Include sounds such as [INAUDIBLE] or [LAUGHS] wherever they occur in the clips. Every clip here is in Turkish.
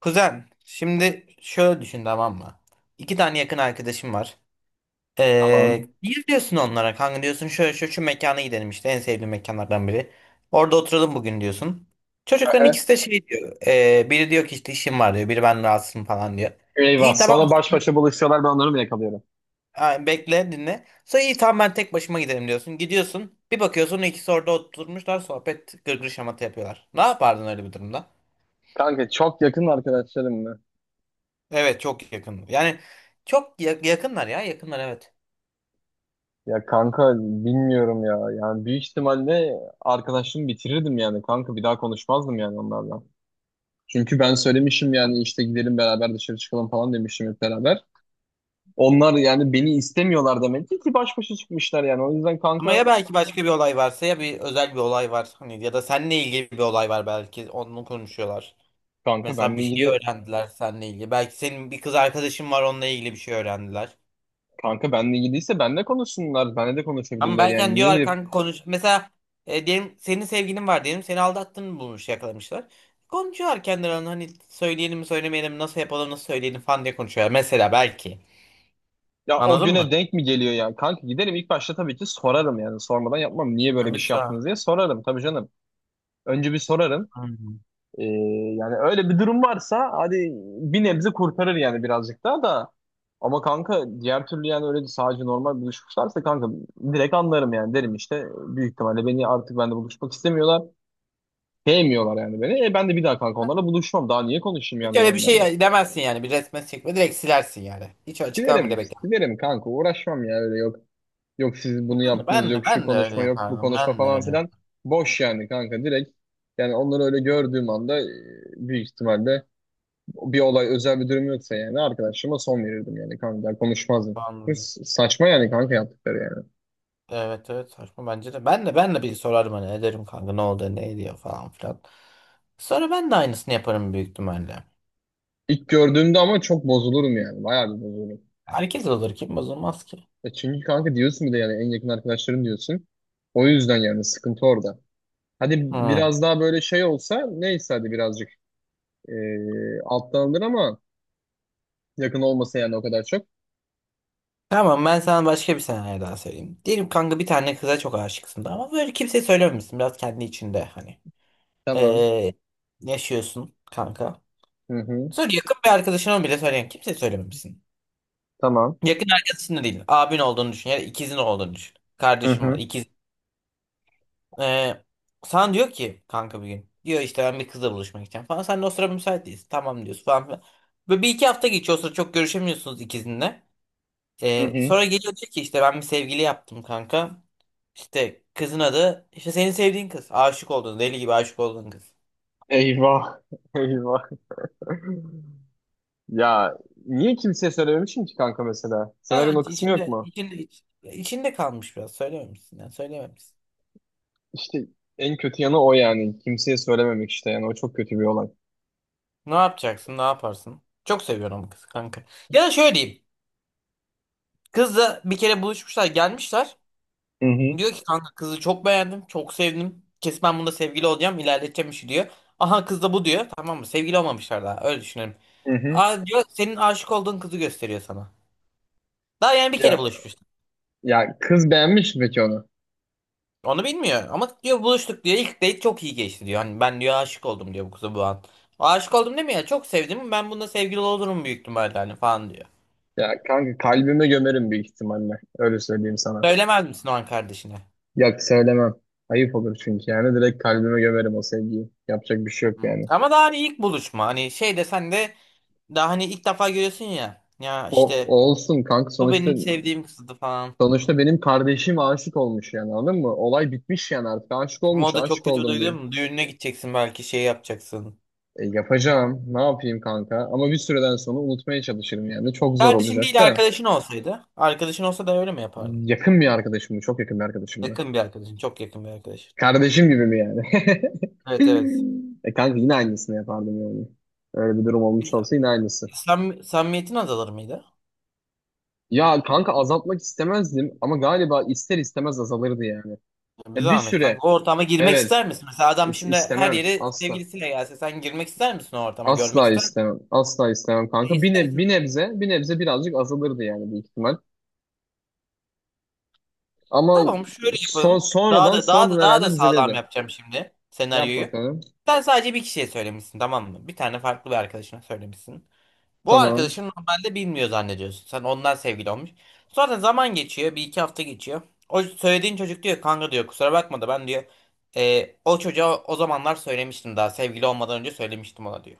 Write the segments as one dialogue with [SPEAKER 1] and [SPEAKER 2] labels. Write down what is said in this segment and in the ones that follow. [SPEAKER 1] Kuzen, şimdi şöyle düşün, tamam mı? İki tane yakın arkadaşım var. Ee,
[SPEAKER 2] Tamam.
[SPEAKER 1] bir diyorsun onlara, kanka diyorsun, şöyle şöyle şu mekana gidelim işte, en sevdiğim mekanlardan biri. Orada oturalım bugün diyorsun. Çocukların
[SPEAKER 2] Aha.
[SPEAKER 1] ikisi de şey diyor. Biri diyor ki işte işim var diyor. Biri ben rahatsızım falan diyor.
[SPEAKER 2] Eyvah.
[SPEAKER 1] İyi tamam,
[SPEAKER 2] Sonra baş başa buluşuyorlar, ben onları mı yakalıyorum?
[SPEAKER 1] ha, bekle dinle. Sonra iyi tamam ben tek başıma gidelim diyorsun. Gidiyorsun bir bakıyorsun ikisi orada oturmuşlar, sohbet, gırgır, şamata yapıyorlar. Ne yapardın öyle bir durumda?
[SPEAKER 2] Kanka çok yakın arkadaşlarım mı?
[SPEAKER 1] Evet, çok yakın. Yani çok yakınlar ya, yakınlar, evet.
[SPEAKER 2] Ya kanka bilmiyorum ya. Yani büyük ihtimalle arkadaşlığımı bitirirdim yani. Kanka bir daha konuşmazdım yani onlarla. Çünkü ben söylemişim yani, işte gidelim beraber dışarı çıkalım falan demişim hep beraber. Onlar yani beni istemiyorlar demek ki baş başa çıkmışlar yani. O yüzden
[SPEAKER 1] Ama
[SPEAKER 2] kanka,
[SPEAKER 1] ya belki başka bir olay varsa, ya bir özel bir olay var hani, ya da seninle ilgili bir olay var, belki onu konuşuyorlar.
[SPEAKER 2] kanka
[SPEAKER 1] Mesela bir
[SPEAKER 2] benle
[SPEAKER 1] şey
[SPEAKER 2] ilgili,
[SPEAKER 1] öğrendiler seninle ilgili. Belki senin bir kız arkadaşın var, onunla ilgili bir şey öğrendiler.
[SPEAKER 2] kanka benle ilgiliyse benle konuşsunlar. Benle de
[SPEAKER 1] Ama
[SPEAKER 2] konuşabilirler
[SPEAKER 1] belki hani
[SPEAKER 2] yani. Niye
[SPEAKER 1] diyorlar
[SPEAKER 2] gidip
[SPEAKER 1] kanka konuş. Mesela diyelim senin sevgilin var, diyelim seni aldattığını bulmuş, yakalamışlar. Konuşuyorlar kendilerine, hani söyleyelim mi söylemeyelim mi, nasıl yapalım nasıl söyleyelim falan diye konuşuyorlar. Mesela belki.
[SPEAKER 2] ya o
[SPEAKER 1] Anladın mı?
[SPEAKER 2] güne denk mi geliyor yani? Kanka giderim ilk başta, tabii ki sorarım yani. Sormadan yapmam. Niye böyle
[SPEAKER 1] Yani
[SPEAKER 2] bir
[SPEAKER 1] bir
[SPEAKER 2] şey yaptınız
[SPEAKER 1] sonra.
[SPEAKER 2] diye sorarım tabii canım. Önce bir sorarım.
[SPEAKER 1] Hı hı.
[SPEAKER 2] Ee, Yani öyle bir durum varsa hadi bir nebze kurtarır yani, birazcık daha da. Ama kanka diğer türlü yani, öyle sadece normal buluşmuşlarsa kanka direkt anlarım yani, derim işte büyük ihtimalle beni artık bende buluşmak istemiyorlar. Sevmiyorlar yani beni. E ben de bir daha kanka onlarla buluşmam. Daha niye konuşayım yani
[SPEAKER 1] Hiç
[SPEAKER 2] ben
[SPEAKER 1] öyle bir
[SPEAKER 2] onlarla?
[SPEAKER 1] şey demezsin yani, bir resme çekme direkt silersin yani. Hiç açıklama bile
[SPEAKER 2] Silerim,
[SPEAKER 1] bekle.
[SPEAKER 2] silerim kanka, uğraşmam yani, öyle yok. Yok siz bunu
[SPEAKER 1] Ben de
[SPEAKER 2] yaptınız,
[SPEAKER 1] ben de
[SPEAKER 2] yok şu
[SPEAKER 1] ben de öyle
[SPEAKER 2] konuşma, yok bu
[SPEAKER 1] yapardım.
[SPEAKER 2] konuşma
[SPEAKER 1] Ben de
[SPEAKER 2] falan
[SPEAKER 1] öyle
[SPEAKER 2] filan. Boş yani kanka, direkt. Yani onları öyle gördüğüm anda büyük ihtimalle bir olay, özel bir durum yoksa yani, arkadaşıma son verirdim yani kanka, konuşmazdım.
[SPEAKER 1] yapardım.
[SPEAKER 2] Saçma yani kanka yaptıkları yani.
[SPEAKER 1] Evet evet, saçma bence de. Ben de bir sorarım hani, ederim kanka ne oldu ne ediyor falan filan. Sonra ben de aynısını yaparım büyük ihtimalle.
[SPEAKER 2] İlk gördüğümde ama çok bozulurum yani, bayağı bir bozulurum.
[SPEAKER 1] Herkes olur, kim bozulmaz ki.
[SPEAKER 2] E çünkü kanka diyorsun, bir de yani en yakın arkadaşların diyorsun. O yüzden yani sıkıntı orada. Hadi
[SPEAKER 1] Hmm.
[SPEAKER 2] biraz daha böyle şey olsa neyse, hadi birazcık alttan alınır ama, yakın olmasa yani o kadar çok.
[SPEAKER 1] Tamam, ben sana başka bir senaryo daha söyleyeyim. Diyelim kanka bir tane kıza çok aşıksın da, ama böyle kimseye söylememişsin, biraz kendi içinde hani.
[SPEAKER 2] Tamam.
[SPEAKER 1] Ee, Yaşıyorsun kanka.
[SPEAKER 2] Hı hı.
[SPEAKER 1] Sonra yakın bir arkadaşına bile söyleyen, kimseye söylememişsin.
[SPEAKER 2] Tamam.
[SPEAKER 1] Yakın arkadaşın da değil. Abin olduğunu düşün. Ya da ikizin olduğunu düşün.
[SPEAKER 2] Hı
[SPEAKER 1] Kardeşim var,
[SPEAKER 2] hı.
[SPEAKER 1] ikiz. Ee, Sana diyor ki kanka bir gün. Diyor işte ben bir kızla buluşmak istiyorum falan. Sen de o sıra müsait değilsin. Tamam diyorsun falan filan. Böyle bir iki hafta geçiyor. O sıra çok görüşemiyorsunuz ikizinle.
[SPEAKER 2] Hı hı.
[SPEAKER 1] Sonra geliyor diyor ki işte ben bir sevgili yaptım kanka. İşte kızın adı, işte senin sevdiğin kız. Aşık olduğun, deli gibi aşık olduğun kız.
[SPEAKER 2] Eyvah. [LAUGHS] Eyvah. Ya niye kimseye söylememişim ki kanka mesela?
[SPEAKER 1] Ya
[SPEAKER 2] Senaryonun o kısmı yok
[SPEAKER 1] içinde
[SPEAKER 2] mu?
[SPEAKER 1] içinde içinde kalmış biraz. Söylememişsin. Yani,
[SPEAKER 2] İşte en kötü yanı o yani. Kimseye söylememek işte yani. O çok kötü bir olay.
[SPEAKER 1] ne yapacaksın? Ne yaparsın? Çok seviyorum kızı kanka. Ya da şöyle diyeyim. Kızla bir kere buluşmuşlar, gelmişler.
[SPEAKER 2] Hı hı.
[SPEAKER 1] Diyor ki kanka kızı çok beğendim, çok sevdim. Kesin ben bunda sevgili olacağım, ilerleteceğim işi diyor. Aha kız da bu diyor. Tamam mı? Sevgili olmamışlar daha. Öyle düşünelim.
[SPEAKER 2] Hı hı.
[SPEAKER 1] Aa diyor, senin aşık olduğun kızı gösteriyor sana. Daha yani bir kere
[SPEAKER 2] Ya,
[SPEAKER 1] buluşmuşlar.
[SPEAKER 2] ya kız beğenmiş mi peki onu?
[SPEAKER 1] Onu bilmiyor ama, diyor buluştuk diyor. İlk date çok iyi geçti diyor. Hani ben diyor aşık oldum diyor bu kıza bu an. Aşık oldum demiyor ya, çok sevdim. Ben bunda sevgili olurum büyük ihtimalle hani falan diyor.
[SPEAKER 2] Ya kanka kalbime gömerim büyük ihtimalle. Öyle söyleyeyim sana.
[SPEAKER 1] Söylemez misin o an kardeşine?
[SPEAKER 2] Ya söylemem. Ayıp olur çünkü yani. Direkt kalbime gömerim o sevgiyi. Yapacak bir şey yok
[SPEAKER 1] Hı.
[SPEAKER 2] yani.
[SPEAKER 1] Ama daha hani ilk buluşma, hani şey de, sen de daha hani ilk defa görüyorsun ya, ya
[SPEAKER 2] O
[SPEAKER 1] işte
[SPEAKER 2] olsun kanka,
[SPEAKER 1] bu
[SPEAKER 2] sonuçta
[SPEAKER 1] benim sevdiğim kızdı falan.
[SPEAKER 2] sonuçta benim kardeşim aşık olmuş yani, anladın mı? Olay bitmiş yani, artık aşık
[SPEAKER 1] Ama
[SPEAKER 2] olmuş,
[SPEAKER 1] o da çok
[SPEAKER 2] aşık
[SPEAKER 1] kötü bir
[SPEAKER 2] oldum
[SPEAKER 1] duygu
[SPEAKER 2] diyor.
[SPEAKER 1] mu? Düğününe gideceksin, belki şey yapacaksın.
[SPEAKER 2] E, yapacağım, ne yapayım kanka, ama bir süreden sonra unutmaya çalışırım yani, çok zor
[SPEAKER 1] Kardeşin
[SPEAKER 2] olacak
[SPEAKER 1] değil
[SPEAKER 2] da.
[SPEAKER 1] arkadaşın olsaydı. Arkadaşın olsa da öyle mi yapardın?
[SPEAKER 2] Yakın bir arkadaşım mı? Çok yakın bir arkadaşım mı?
[SPEAKER 1] Yakın bir arkadaşın, çok yakın bir arkadaşın.
[SPEAKER 2] Kardeşim gibi mi yani? [LAUGHS]
[SPEAKER 1] Evet evet.
[SPEAKER 2] E kanka yine aynısını yapardım yani. Öyle bir durum olmuş
[SPEAKER 1] Biz,
[SPEAKER 2] olsa yine aynısı.
[SPEAKER 1] sam samimiyetin azalır mıydı?
[SPEAKER 2] Ya kanka azaltmak istemezdim ama galiba ister istemez azalırdı yani.
[SPEAKER 1] Yani bir
[SPEAKER 2] E, bir
[SPEAKER 1] zahmet
[SPEAKER 2] süre,
[SPEAKER 1] kanka, o ortama girmek
[SPEAKER 2] evet,
[SPEAKER 1] ister misin? Mesela adam şimdi her
[SPEAKER 2] istemem
[SPEAKER 1] yere
[SPEAKER 2] asla.
[SPEAKER 1] sevgilisiyle gelse, sen girmek ister misin o ortama, görmek
[SPEAKER 2] Asla
[SPEAKER 1] ister misin?
[SPEAKER 2] istemem. Asla istemem
[SPEAKER 1] E,
[SPEAKER 2] kanka. Bir,
[SPEAKER 1] ister
[SPEAKER 2] bir nebze, bir nebze birazcık azalırdı yani büyük ihtimal. Ama
[SPEAKER 1] Tamam, şöyle yapalım. Daha
[SPEAKER 2] sonradan,
[SPEAKER 1] da daha da
[SPEAKER 2] sonradan
[SPEAKER 1] daha
[SPEAKER 2] herhalde
[SPEAKER 1] da sağlam
[SPEAKER 2] düzelirdi.
[SPEAKER 1] yapacağım şimdi
[SPEAKER 2] Yap
[SPEAKER 1] senaryoyu.
[SPEAKER 2] bakalım.
[SPEAKER 1] Sen sadece bir kişiye söylemişsin, tamam mı? Bir tane farklı bir arkadaşına söylemişsin. Bu
[SPEAKER 2] Tamam.
[SPEAKER 1] arkadaşın normalde bilmiyor zannediyorsun. Sen ondan sevgili olmuş. Sonra zaman geçiyor. Bir iki hafta geçiyor. O söylediğin çocuk diyor kanka, diyor kusura bakma da ben diyor, " O çocuğa o zamanlar söylemiştim, daha sevgili olmadan önce söylemiştim ona diyor.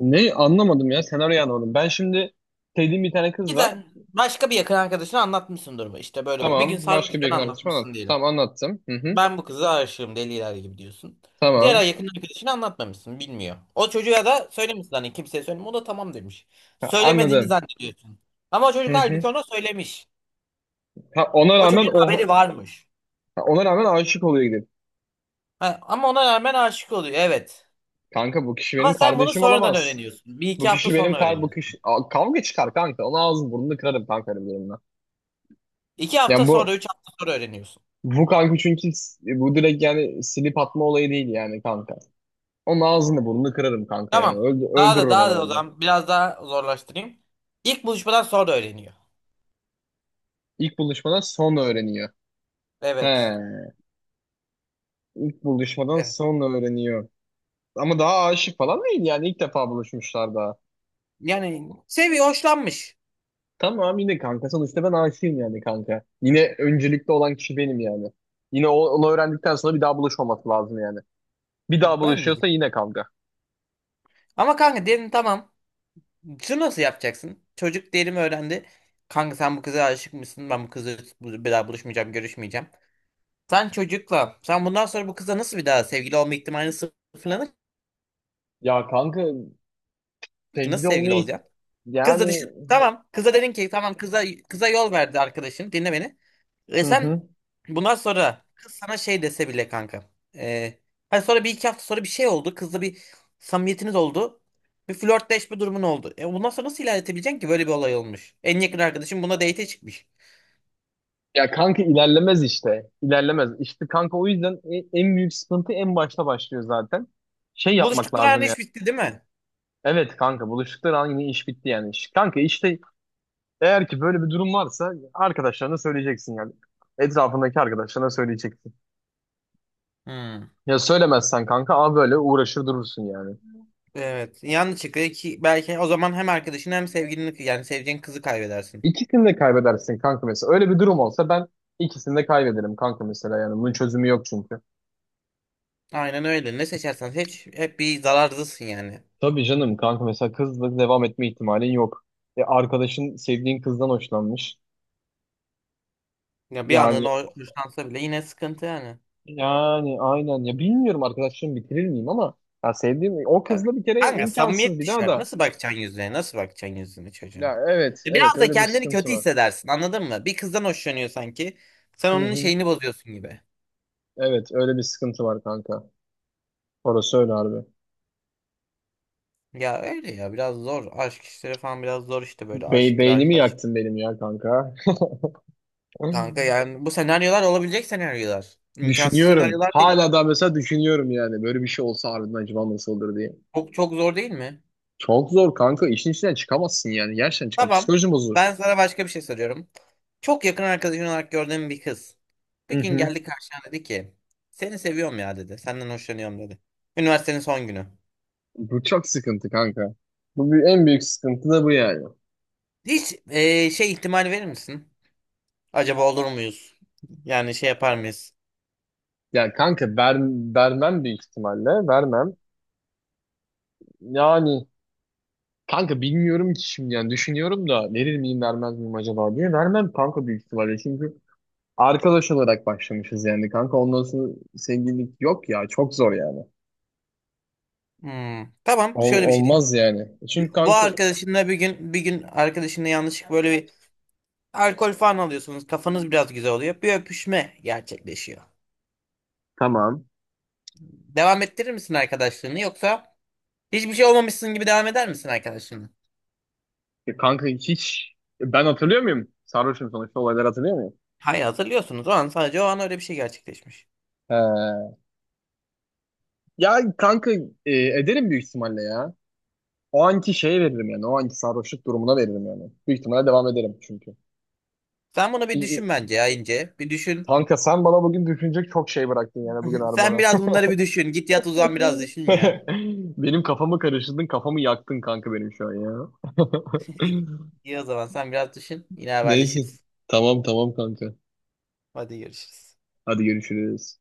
[SPEAKER 2] Ne, anlamadım ya. Senaryoyu anlamadım. Ben şimdi sevdiğim bir tane kız var.
[SPEAKER 1] Giden başka bir yakın arkadaşına anlatmışsın durumu. İşte böyle böyle. Bir gün
[SPEAKER 2] Tamam. Başka bir
[SPEAKER 1] sarhoşken
[SPEAKER 2] yakın arkadaşım anlat.
[SPEAKER 1] anlatmışsın diyelim.
[SPEAKER 2] Tamam, anlattım. Hı hı.
[SPEAKER 1] Ben bu kıza aşığım deliler gibi diyorsun. Diğer
[SPEAKER 2] Tamam.
[SPEAKER 1] ay yakın arkadaşını anlatmamışsın, bilmiyor. O çocuğa da söylemişsin, hani kimseye söyleme, o da tamam demiş.
[SPEAKER 2] Ha,
[SPEAKER 1] Söylemediğini
[SPEAKER 2] anladım.
[SPEAKER 1] zannediyorsun. Ama o çocuk
[SPEAKER 2] Hı hı.
[SPEAKER 1] halbuki ona söylemiş.
[SPEAKER 2] Ha, ona
[SPEAKER 1] O
[SPEAKER 2] rağmen
[SPEAKER 1] çocuğun haberi
[SPEAKER 2] o
[SPEAKER 1] varmış.
[SPEAKER 2] ha, ona rağmen aşık oluyor gidip.
[SPEAKER 1] Ha, ama ona rağmen aşık oluyor, evet.
[SPEAKER 2] Kanka bu kişi benim
[SPEAKER 1] Ama sen bunu
[SPEAKER 2] kardeşim
[SPEAKER 1] sonradan
[SPEAKER 2] olamaz.
[SPEAKER 1] öğreniyorsun. Bir
[SPEAKER 2] Bu
[SPEAKER 1] iki hafta
[SPEAKER 2] kişi benim
[SPEAKER 1] sonra
[SPEAKER 2] kar bu
[SPEAKER 1] öğreniyorsun.
[SPEAKER 2] kişi Aa, kavga çıkar kanka. Ona ağzını burnunu kırarım kanka öyle bir durumda.
[SPEAKER 1] İki hafta
[SPEAKER 2] Yani bu
[SPEAKER 1] sonra, üç hafta sonra öğreniyorsun.
[SPEAKER 2] bu kanka çünkü bu direkt yani silip atma olayı değil yani kanka. Onun ağzını burnunu kırarım kanka yani.
[SPEAKER 1] Tamam. Daha da
[SPEAKER 2] Öldürürüm onu
[SPEAKER 1] daha da o
[SPEAKER 2] orada.
[SPEAKER 1] zaman biraz daha zorlaştırayım. İlk buluşmadan sonra öğreniyor.
[SPEAKER 2] İlk buluşmadan sonra öğreniyor. He,
[SPEAKER 1] Evet.
[SPEAKER 2] ilk buluşmadan
[SPEAKER 1] Evet.
[SPEAKER 2] sonra öğreniyor. Ama daha aşık falan değil yani, ilk defa buluşmuşlar daha.
[SPEAKER 1] Yani seviyor, hoşlanmış.
[SPEAKER 2] Tamam, yine kanka sonuçta ben aşığım yani kanka. Yine öncelikli olan kişi benim yani. Yine onu öğrendikten sonra bir daha buluşmaması lazım yani. Bir daha
[SPEAKER 1] Ben
[SPEAKER 2] buluşuyorsa yine kanka.
[SPEAKER 1] Ama kanka diyelim tamam. Şunu nasıl yapacaksın? Çocuk diyelim öğrendi. Kanka sen bu kıza aşık mısın? Ben bu kızla bir daha buluşmayacağım, görüşmeyeceğim. Sen çocukla, sen bundan sonra bu kızla nasıl bir daha sevgili olma ihtimalini sıfırlanır
[SPEAKER 2] Ya kanka
[SPEAKER 1] ki? Nasıl
[SPEAKER 2] sevgili
[SPEAKER 1] sevgili
[SPEAKER 2] olmayı
[SPEAKER 1] olacaksın? Kızla
[SPEAKER 2] yani.
[SPEAKER 1] düşün. Tamam. Kıza dedin ki tamam, kıza yol verdi arkadaşın. Dinle beni. E
[SPEAKER 2] Hı
[SPEAKER 1] sen
[SPEAKER 2] hı.
[SPEAKER 1] bundan sonra, kız sana şey dese bile kanka. E, Hani sonra bir iki hafta sonra bir şey oldu. Kızla bir samimiyetiniz oldu. Bir flörtleşme durumun oldu. E bundan sonra nasıl ilerletebileceksin ki, böyle bir olay olmuş. En yakın arkadaşım buna date'e çıkmış.
[SPEAKER 2] Ya kanka ilerlemez işte. İlerlemez. İşte kanka o yüzden en büyük sıkıntı en başta başlıyor zaten. Şey yapmak
[SPEAKER 1] Buluştukları an
[SPEAKER 2] lazım yani.
[SPEAKER 1] iş bitti değil mi?
[SPEAKER 2] Evet kanka, buluştukları an yine iş bitti yani. Kanka işte, eğer ki böyle bir durum varsa arkadaşlarına söyleyeceksin yani. Etrafındaki arkadaşlarına söyleyeceksin.
[SPEAKER 1] Hmm.
[SPEAKER 2] Ya söylemezsen kanka a böyle uğraşır durursun yani.
[SPEAKER 1] Evet. Yanlış çıkıyor ki, belki o zaman hem arkadaşını hem sevgilini, yani sevdiğin kızı kaybedersin.
[SPEAKER 2] İkisini de kaybedersin kanka mesela. Öyle bir durum olsa ben ikisini de kaybederim kanka mesela yani. Bunun çözümü yok çünkü.
[SPEAKER 1] Aynen öyle. Ne seçersen seç hep bir zararlısın yani.
[SPEAKER 2] Tabii canım kanka, mesela kızla devam etme ihtimalin yok. E, arkadaşın sevdiğin kızdan hoşlanmış.
[SPEAKER 1] Ya bir
[SPEAKER 2] Yani
[SPEAKER 1] anın o hoşlansa bile yine sıkıntı yani.
[SPEAKER 2] yani aynen ya, bilmiyorum arkadaşlığımı bitirir miyim ama ya sevdiğim o kızla bir kere
[SPEAKER 1] Kanka
[SPEAKER 2] imkansız
[SPEAKER 1] samimiyet
[SPEAKER 2] bir daha
[SPEAKER 1] düşer.
[SPEAKER 2] da.
[SPEAKER 1] Nasıl bakacaksın yüzüne? Nasıl bakacaksın yüzüne
[SPEAKER 2] Ya
[SPEAKER 1] çocuğun?
[SPEAKER 2] evet evet
[SPEAKER 1] Biraz da
[SPEAKER 2] öyle bir
[SPEAKER 1] kendini
[SPEAKER 2] sıkıntı
[SPEAKER 1] kötü
[SPEAKER 2] var.
[SPEAKER 1] hissedersin, anladın mı? Bir kızdan hoşlanıyor sanki. Sen
[SPEAKER 2] Hı
[SPEAKER 1] onun
[SPEAKER 2] hı.
[SPEAKER 1] şeyini bozuyorsun gibi.
[SPEAKER 2] Evet öyle bir sıkıntı var kanka. Orası öyle harbi.
[SPEAKER 1] Ya öyle, ya biraz zor. Aşk işleri falan biraz zor işte, böyle aşktır
[SPEAKER 2] Beynimi
[SPEAKER 1] arkadaş.
[SPEAKER 2] yaktın benim ya kanka.
[SPEAKER 1] Kanka
[SPEAKER 2] [LAUGHS]
[SPEAKER 1] yani bu senaryolar olabilecek senaryolar. İmkansız
[SPEAKER 2] Düşünüyorum.
[SPEAKER 1] senaryolar değil.
[SPEAKER 2] Hala da mesela düşünüyorum yani. Böyle bir şey olsa harbiden acaba nasıl olur diye.
[SPEAKER 1] Çok çok zor değil mi?
[SPEAKER 2] Çok zor kanka. İşin içinden çıkamazsın yani. Gerçekten çıkam.
[SPEAKER 1] Tamam.
[SPEAKER 2] Psikolojin bozulur.
[SPEAKER 1] Ben sana başka bir şey soruyorum. Çok yakın arkadaşın olarak gördüğüm bir kız. Bir
[SPEAKER 2] Hı
[SPEAKER 1] gün
[SPEAKER 2] hı.
[SPEAKER 1] geldi karşına, dedi ki seni seviyorum ya dedi. Senden hoşlanıyorum dedi. Üniversitenin son günü.
[SPEAKER 2] Bu çok sıkıntı kanka. En büyük sıkıntı da bu yani.
[SPEAKER 1] Hiç şey ihtimali verir misin? Acaba olur muyuz? Yani şey yapar mıyız?
[SPEAKER 2] Yani kanka vermem büyük ihtimalle. Vermem. Yani kanka bilmiyorum ki şimdi, yani düşünüyorum da verir miyim vermez miyim acaba diye. Vermem kanka büyük ihtimalle. Çünkü arkadaş olarak başlamışız yani kanka. Ondan sonra sevgililik yok ya. Çok zor yani.
[SPEAKER 1] Hmm, tamam şöyle bir şey diyeyim.
[SPEAKER 2] Olmaz yani. Çünkü
[SPEAKER 1] Bu
[SPEAKER 2] kanka,
[SPEAKER 1] arkadaşınla bir gün arkadaşınla yanlışlık, böyle bir alkol falan alıyorsunuz. Kafanız biraz güzel oluyor. Bir öpüşme gerçekleşiyor.
[SPEAKER 2] tamam.
[SPEAKER 1] Devam ettirir misin arkadaşlığını, yoksa hiçbir şey olmamışsın gibi devam eder misin arkadaşınla?
[SPEAKER 2] Ya kanka hiç ben hatırlıyor muyum? Sarhoşum sonuçta, olayları hatırlıyor muyum?
[SPEAKER 1] Hayır, hatırlıyorsunuz o an, sadece o an öyle bir şey gerçekleşmiş.
[SPEAKER 2] He. Ya kanka e, ederim büyük ihtimalle ya. O anki şeye veririm yani. O anki sarhoşluk durumuna veririm yani. Büyük ihtimalle devam ederim çünkü.
[SPEAKER 1] Sen bunu bir
[SPEAKER 2] İ-
[SPEAKER 1] düşün
[SPEAKER 2] i-
[SPEAKER 1] bence ya, ince bir düşün.
[SPEAKER 2] Kanka sen bana bugün düşünecek çok şey bıraktın yani bugün
[SPEAKER 1] [LAUGHS] Sen
[SPEAKER 2] arabana.
[SPEAKER 1] biraz bunları bir düşün. Git yat, uzan, biraz düşün ya.
[SPEAKER 2] [LAUGHS] Benim kafamı karıştırdın, kafamı yaktın kanka benim şu an ya. [LAUGHS]
[SPEAKER 1] [LAUGHS] İyi, o zaman sen biraz düşün. Yine
[SPEAKER 2] Neyse.
[SPEAKER 1] haberleşiriz.
[SPEAKER 2] Tamam tamam kanka.
[SPEAKER 1] Hadi görüşürüz.
[SPEAKER 2] Hadi görüşürüz.